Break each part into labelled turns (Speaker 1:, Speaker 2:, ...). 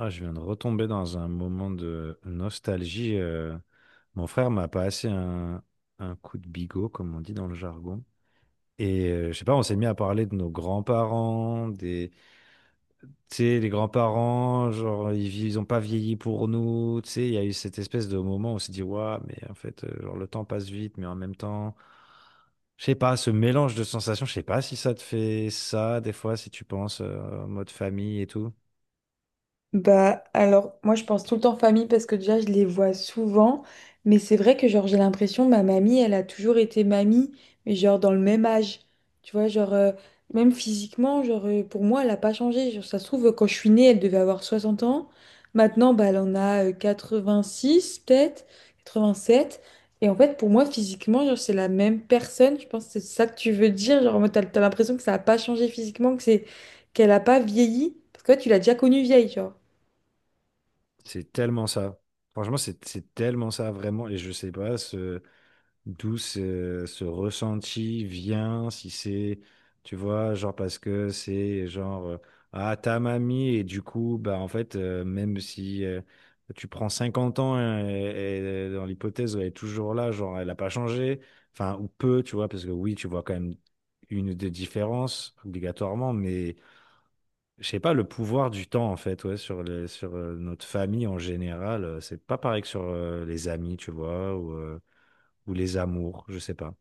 Speaker 1: Ah, je viens de retomber dans un moment de nostalgie. Mon frère m'a passé un coup de bigot, comme on dit dans le jargon. Et je sais pas, on s'est mis à parler de nos grands-parents, tu sais, les grands-parents, genre, ils ont pas vieilli pour nous, tu sais, il y a eu cette espèce de moment où on s'est dit, waouh, mais en fait, genre, le temps passe vite, mais en même temps, je sais pas, ce mélange de sensations, je sais pas si ça te fait ça, des fois, si tu penses en mode famille et tout.
Speaker 2: Bah alors moi je pense tout le temps famille parce que déjà je les vois souvent, mais c'est vrai que genre j'ai l'impression ma mamie elle a toujours été mamie, mais genre dans le même âge, tu vois genre même physiquement genre pour moi elle a pas changé. Genre ça se trouve quand je suis née elle devait avoir 60 ans. Maintenant bah elle en a six peut-être, 87. Et en fait pour moi physiquement genre c'est la même personne. Je pense que c'est ça que tu veux dire, genre en mode, t'as l'impression que ça a pas changé physiquement, que c'est qu'elle a pas vieilli parce que ouais, tu l'as déjà connue vieille genre
Speaker 1: C'est tellement ça. Franchement, c'est tellement ça, vraiment. Et je sais pas d'où ce ressenti vient, si c'est, tu vois, genre parce que c'est genre, ah, ta mamie, et du coup, bah, en fait, même si tu prends 50 ans, hein, et dans l'hypothèse, où elle est toujours là, genre, elle n'a pas changé, enfin, ou peu, tu vois, parce que oui, tu vois quand même une ou deux différences, obligatoirement, mais. Je sais pas, le pouvoir du temps, en fait, ouais, sur notre famille en général, c'est pas pareil que sur les amis, tu vois, ou les amours, je sais pas.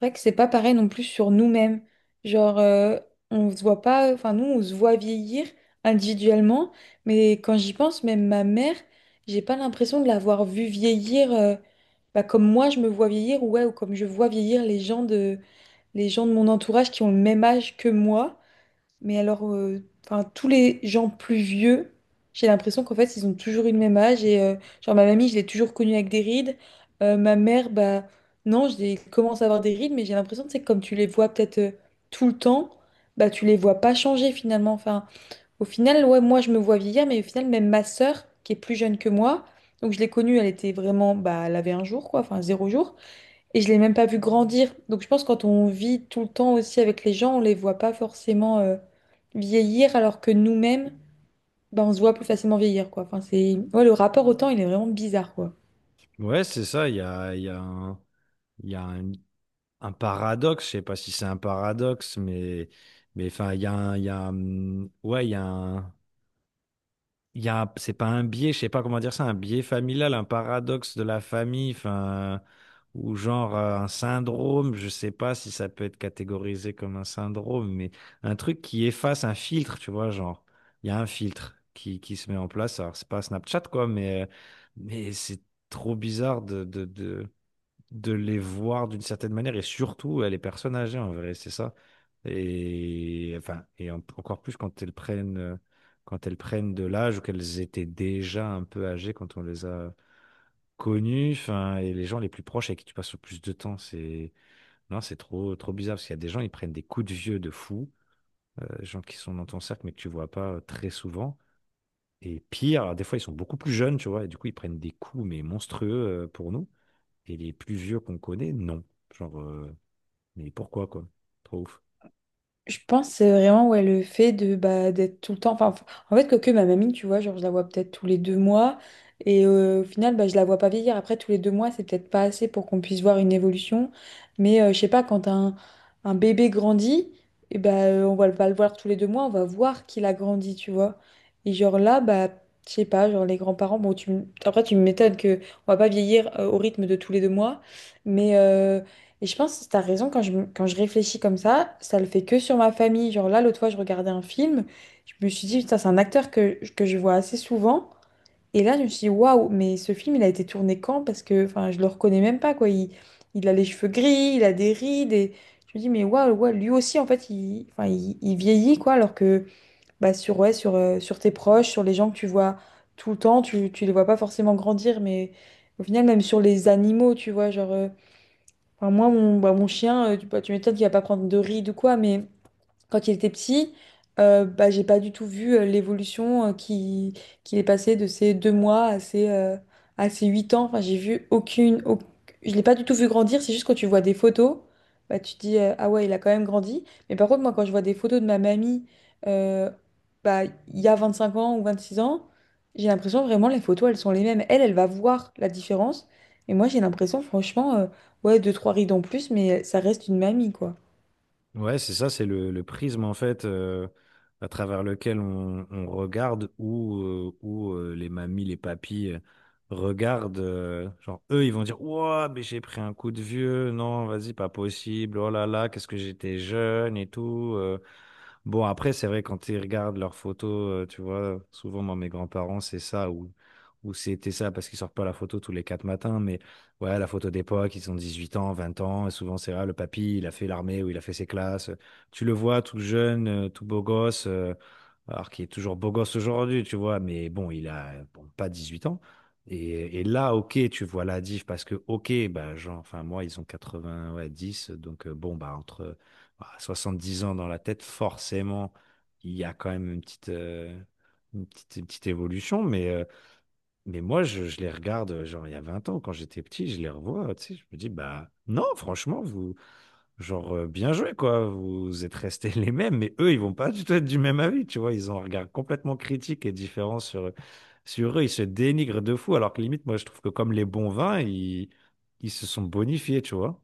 Speaker 2: vrai que c'est pas pareil non plus sur nous-mêmes. Genre, on se voit pas, enfin, nous, on se voit vieillir individuellement, mais quand j'y pense, même ma mère, j'ai pas l'impression de l'avoir vue vieillir bah, comme moi je me vois vieillir, ouais, ou comme je vois vieillir les gens de mon entourage qui ont le même âge que moi. Mais alors, enfin, tous les gens plus vieux, j'ai l'impression qu'en fait, ils ont toujours eu le même âge. Et genre, ma mamie, je l'ai toujours connue avec des rides. Ma mère, bah, non, j'ai commence à avoir des rides, mais j'ai l'impression, tu sais, que comme tu les vois peut-être tout le temps, bah, tu les vois pas changer finalement. Enfin, au final, ouais, moi, je me vois vieillir, mais au final, même ma sœur, qui est plus jeune que moi, donc je l'ai connue, elle était vraiment, bah, elle avait un jour, quoi, enfin, zéro jour. Et je l'ai même pas vu grandir. Donc je pense que quand on vit tout le temps aussi avec les gens, on les voit pas forcément vieillir, alors que nous-mêmes, bah, on se voit plus facilement vieillir, quoi. Enfin, c'est ouais, le rapport au temps, il est vraiment bizarre, quoi.
Speaker 1: Ouais, c'est ça, il y a un, il y a un paradoxe, je sais pas si c'est un paradoxe, mais enfin, il y a un, il y a un- ouais, il y a un, il y a, un- c'est pas un biais, je sais pas comment dire ça, un biais familial, un paradoxe de la famille, enfin, ou genre un syndrome, je sais pas si ça peut être catégorisé comme un syndrome, mais un truc qui efface un filtre, tu vois, genre, il y a un filtre qui se met en place. Alors, c'est pas Snapchat, quoi, mais c'est trop bizarre de les voir d'une certaine manière et surtout les personnes âgées en vrai, c'est ça. Et enfin, encore plus quand elles prennent de l'âge ou qu'elles étaient déjà un peu âgées quand on les a connues, enfin, et les gens les plus proches avec qui tu passes le plus de temps, c'est non, c'est trop bizarre parce qu'il y a des gens ils prennent des coups de vieux de fou, gens qui sont dans ton cercle mais que tu vois pas très souvent. Et pire, des fois ils sont beaucoup plus jeunes, tu vois, et du coup ils prennent des coups mais monstrueux pour nous. Et les plus vieux qu'on connaît, non. Genre, mais pourquoi, quoi? Trop ouf.
Speaker 2: Je pense c'est vraiment ouais, le fait de bah, d'être tout le temps. Enfin, en fait, quoique ma mamie, tu vois, genre, je la vois peut-être tous les 2 mois. Et au final, bah, je la vois pas vieillir. Après, tous les 2 mois, c'est peut-être pas assez pour qu'on puisse voir une évolution. Mais je sais pas, quand un bébé grandit, et bah, on va pas le voir tous les 2 mois, on va voir qu'il a grandi, tu vois. Et genre là, bah, je sais pas, genre les grands-parents, bon, après, tu m'étonnes qu'on va pas vieillir au rythme de tous les 2 mois. Mais et je pense que t'as raison, quand quand je réfléchis comme ça le fait que sur ma famille. Genre là, l'autre fois, je regardais un film, je me suis dit, putain, c'est un acteur que je vois assez souvent. Et là, je me suis dit, waouh, mais ce film, il a été tourné quand? Parce que, enfin, je le reconnais même pas, quoi. Il a les cheveux gris, il a des rides, et je me dis, mais waouh, ouais, lui aussi, en fait, il, enfin, il vieillit, quoi. Alors que, bah, sur, ouais, sur, sur tes proches, sur les gens que tu vois tout le temps, tu les vois pas forcément grandir, mais au final, même sur les animaux, tu vois, genre. Enfin, moi, mon, bah, mon chien, tu, bah, tu m'étonnes qu'il va pas prendre de rides ou quoi, mais quand il était petit, bah, j'ai pas du tout vu l'évolution qui, qu'il est passé de ses 2 mois à à ses 8 ans. Enfin, j'ai vu aucune. Je l'ai pas du tout vu grandir. C'est juste quand tu vois des photos, bah, tu te dis ah ouais, il a quand même grandi. Mais par contre, moi, quand je vois des photos de ma mamie euh, bah, il y a 25 ans ou 26 ans, j'ai l'impression vraiment les photos, elles sont les mêmes. Elle, elle va voir la différence. Et moi, j'ai l'impression, franchement, ouais, deux, trois rides en plus, mais ça reste une mamie, quoi.
Speaker 1: Ouais, c'est ça, c'est le prisme, en fait, à travers lequel on regarde où, les mamies, les papis regardent. Genre, eux, ils vont dire, ouah, mais j'ai pris un coup de vieux. Non, vas-y, pas possible. Oh là là, qu'est-ce que j'étais jeune et tout. Bon, après, c'est vrai, quand ils regardent leurs photos, tu vois, souvent, moi, mes grands-parents, c'est ça, ou c'était ça, parce qu'ils sortent pas la photo tous les quatre matins, mais ouais, la photo d'époque, ils ont 18 ans, 20 ans, et souvent, c'est là, le papy, il a fait l'armée ou il a fait ses classes. Tu le vois tout jeune, tout beau gosse, alors qu'il est toujours beau gosse aujourd'hui, tu vois, mais bon, il a, bon, pas 18 ans. Et là, ok, tu vois la diff, parce que, ok, bah, genre, enfin, moi, ils ont quatre-vingt ouais dix donc, bon, bah, entre. Ah, 70 ans dans la tête, forcément, il y a quand même une petite, une petite évolution. Mais moi, je les regarde, genre, il y a 20 ans, quand j'étais petit, je les revois, tu sais, je me dis, bah, non, franchement, vous, genre, bien joué, quoi. Vous êtes restés les mêmes, mais eux, ils vont pas du tout être du même avis, tu vois. Ils ont un regard complètement critique et différent sur eux. Ils se dénigrent de fou, alors que limite, moi, je trouve que comme les bons vins, ils se sont bonifiés, tu vois.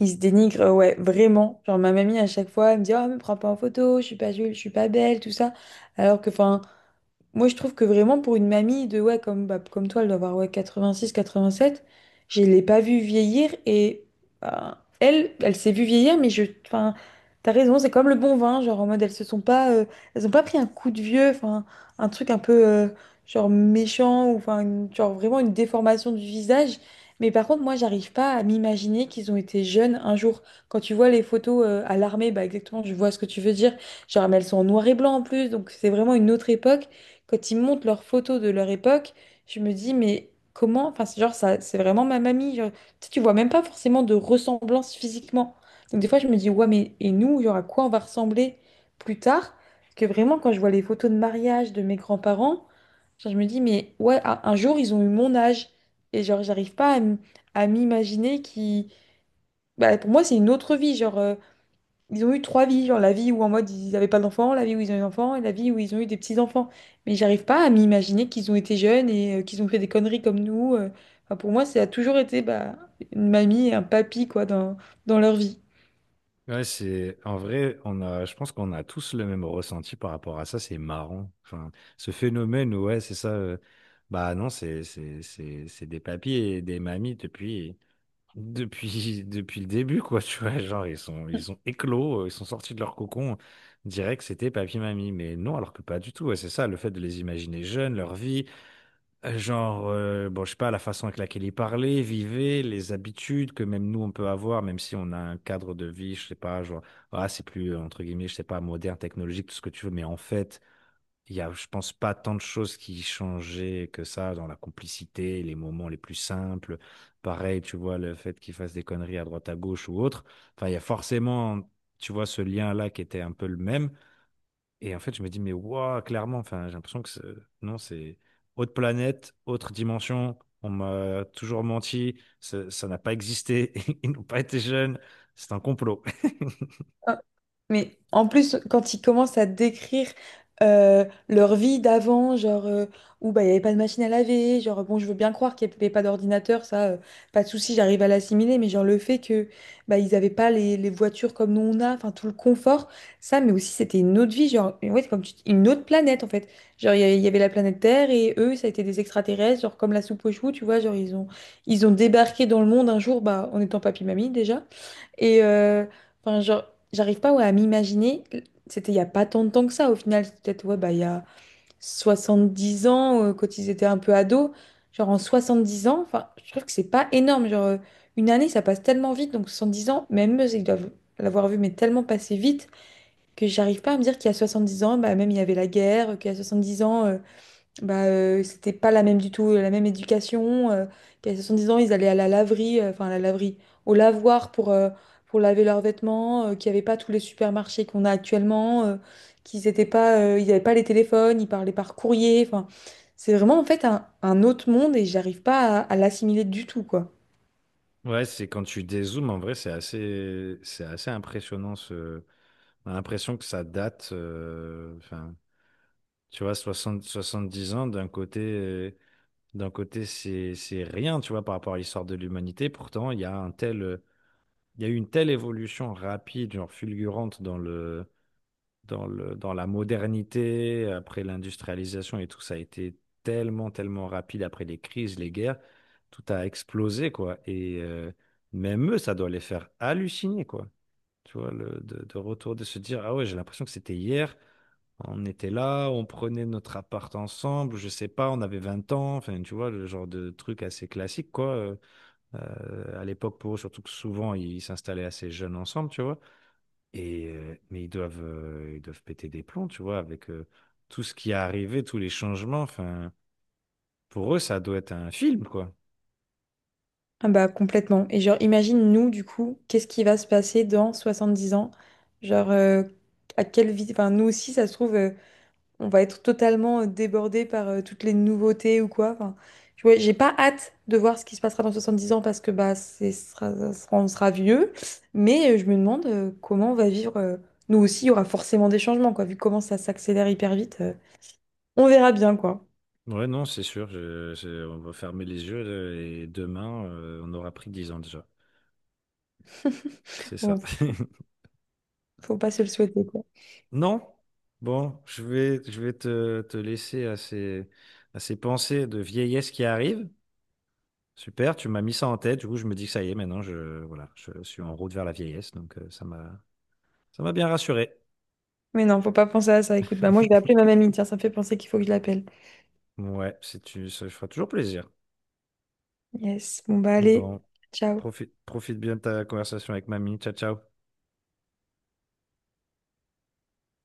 Speaker 2: Ils se dénigrent, ouais, vraiment. Genre, ma mamie, à chaque fois, elle me dit, Oh, me prends pas en photo, je suis pas jolie, je suis pas belle, tout ça. Alors que, enfin, moi, je trouve que vraiment pour une mamie de ouais comme bah, comme toi, elle doit avoir ouais 86, 87. Je l'ai pas vue vieillir et bah, elle, elle s'est vue vieillir, mais je, enfin, t'as raison, c'est comme le bon vin, genre en mode elles se sont pas, elles ont pas pris un coup de vieux, enfin un truc un peu genre méchant ou enfin genre vraiment une déformation du visage. Mais par contre, moi, j'arrive pas à m'imaginer qu'ils ont été jeunes un jour. Quand tu vois les photos à l'armée, bah exactement, je vois ce que tu veux dire. Genre, mais elles sont en noir et blanc en plus, donc c'est vraiment une autre époque quand ils montent leurs photos de leur époque, je me dis, mais comment? Enfin, c'est genre, ça, c'est vraiment ma mamie. Genre, tu sais, tu vois même pas forcément de ressemblance physiquement. Donc, des fois, je me dis, ouais, mais et nous, il y aura quoi on va ressembler plus tard? Parce que vraiment, quand je vois les photos de mariage de mes grands-parents, genre, je me dis, mais ouais, un jour, ils ont eu mon âge. Et genre, j'arrive pas à à m'imaginer qui. Bah, pour moi, c'est une autre vie. Genre, ils ont eu trois vies, genre la vie où en mode ils n'avaient pas d'enfants, la vie où ils ont eu des enfants et la vie où ils ont eu des petits-enfants. Mais j'arrive pas à m'imaginer qu'ils ont été jeunes et qu'ils ont fait des conneries comme nous. Enfin, pour moi, ça a toujours été bah, une mamie et un papy quoi, dans, dans leur vie.
Speaker 1: Ouais, c'est en vrai, on a, je pense qu'on a tous le même ressenti par rapport à ça. C'est marrant, enfin, ce phénomène où ouais, c'est ça. Bah non, c'est des papis et des mamies depuis depuis le début quoi. Tu vois, genre ils ont éclos, ils sont sortis de leur cocon. On dirait que c'était papy mamie, mais non, alors que pas du tout. Ouais, c'est ça, le fait de les imaginer jeunes, leur vie. Genre, bon, je sais pas, la façon avec laquelle il parlait, vivait, les habitudes que même nous on peut avoir, même si on a un cadre de vie, je sais pas, genre, ah, c'est plus, entre guillemets, je sais pas, moderne, technologique, tout ce que tu veux, mais en fait, je pense pas tant de choses qui changeaient que ça dans la complicité, les moments les plus simples. Pareil, tu vois, le fait qu'il fasse des conneries à droite, à gauche ou autre. Enfin, il y a forcément, tu vois, ce lien-là qui était un peu le même. Et en fait, je me dis, mais waouh, clairement, enfin, j'ai l'impression que non, c'est autre planète, autre dimension. On m'a toujours menti, ça n'a pas existé, ils n'ont pas été jeunes, c'est un complot.
Speaker 2: Mais en plus, quand ils commencent à décrire leur vie d'avant, genre où bah, il n'y avait pas de machine à laver, genre bon, je veux bien croire qu'il n'y avait pas d'ordinateur, ça, pas de souci, j'arrive à l'assimiler, mais genre le fait que bah, ils n'avaient pas les, les voitures comme nous on a, enfin tout le confort, ça, mais aussi c'était une autre vie, genre ouais, comme tu dis, une autre planète en fait. Genre il y avait la planète Terre et eux, ça a été des extraterrestres, genre comme la soupe aux choux, tu vois, genre ils ont débarqué dans le monde un jour, bah, en étant papy-mamie déjà. Et enfin, genre, j'arrive pas ouais, à m'imaginer. C'était il y a pas tant de temps que ça. Au final, c'était peut-être ouais, bah, il y a 70 ans, quand ils étaient un peu ados. Genre en 70 ans, enfin, je trouve que c'est pas énorme. Genre, une année, ça passe tellement vite. Donc 70 ans, même eux, ils doivent l'avoir vu, mais tellement passé vite que j'arrive pas à me dire qu'il y a 70 ans, bah, même il y avait la guerre, qu'il y a 70 ans. Bah, c'était pas la même du tout, la même éducation. Puis à 70 ans, ils allaient à la laverie, enfin à la laverie, au lavoir pour laver leurs vêtements, qu'il n'y avait pas tous les supermarchés qu'on a actuellement, qu'ils étaient pas, ils n'avaient pas les téléphones, ils parlaient par courrier. Enfin, c'est vraiment en fait un autre monde et j'arrive pas à l'assimiler du tout, quoi.
Speaker 1: Ouais, c'est quand tu dézoomes, en vrai, c'est assez impressionnant. Ce... On a l'impression que ça date, enfin, tu vois, soixante, 70 ans, d'un côté, c'est rien, tu vois, par rapport à l'histoire de l'humanité. Pourtant, il y a eu une telle évolution rapide, genre fulgurante dans la modernité, après l'industrialisation et tout, ça a été tellement rapide après les crises, les guerres, tout a explosé, quoi. Et même eux, ça doit les faire halluciner, quoi. Tu vois, de retour, de se dire, ah ouais, j'ai l'impression que c'était hier, on était là, on prenait notre appart ensemble, je sais pas, on avait 20 ans, enfin, tu vois, le genre de truc assez classique, quoi. À l'époque pour eux, surtout que souvent ils s'installaient assez jeunes ensemble, tu vois. Et mais ils doivent péter des plombs, tu vois, avec tout ce qui est arrivé, tous les changements. Enfin, pour eux, ça doit être un film, quoi.
Speaker 2: Ah bah complètement. Et genre, imagine nous, du coup, qu'est-ce qui va se passer dans 70 ans? Genre, à quelle vie, enfin nous aussi, ça se trouve. On va être totalement débordé par toutes les nouveautés ou quoi. Enfin, ouais, j'ai pas hâte de voir ce qui se passera dans 70 ans parce que bah, c'est, ce sera, ça sera- on sera vieux, mais je me demande comment on va vivre. Nous aussi, il y aura forcément des changements, quoi, vu comment ça s'accélère hyper vite. On verra bien, quoi.
Speaker 1: Ouais, non, c'est sûr. On va fermer les yeux et demain, on aura pris 10 ans déjà. C'est ça.
Speaker 2: Bon, faut pas se le souhaiter, quoi.
Speaker 1: Non? Bon, je vais te laisser à à ces pensées de vieillesse qui arrivent. Super, tu m'as mis ça en tête. Du coup, je me dis que ça y est, maintenant, voilà, je suis en route vers la vieillesse. Donc, ça m'a bien rassuré.
Speaker 2: Mais non, faut pas penser à ça. Écoute, bah moi, je vais appeler ma mamie. Tiens, ça me fait penser qu'il faut que je l'appelle.
Speaker 1: Ouais, c'est, ça fera toujours plaisir.
Speaker 2: Yes. Bon, bah allez.
Speaker 1: Bon,
Speaker 2: Ciao.
Speaker 1: profite bien de ta conversation avec mamie. Ciao, ciao.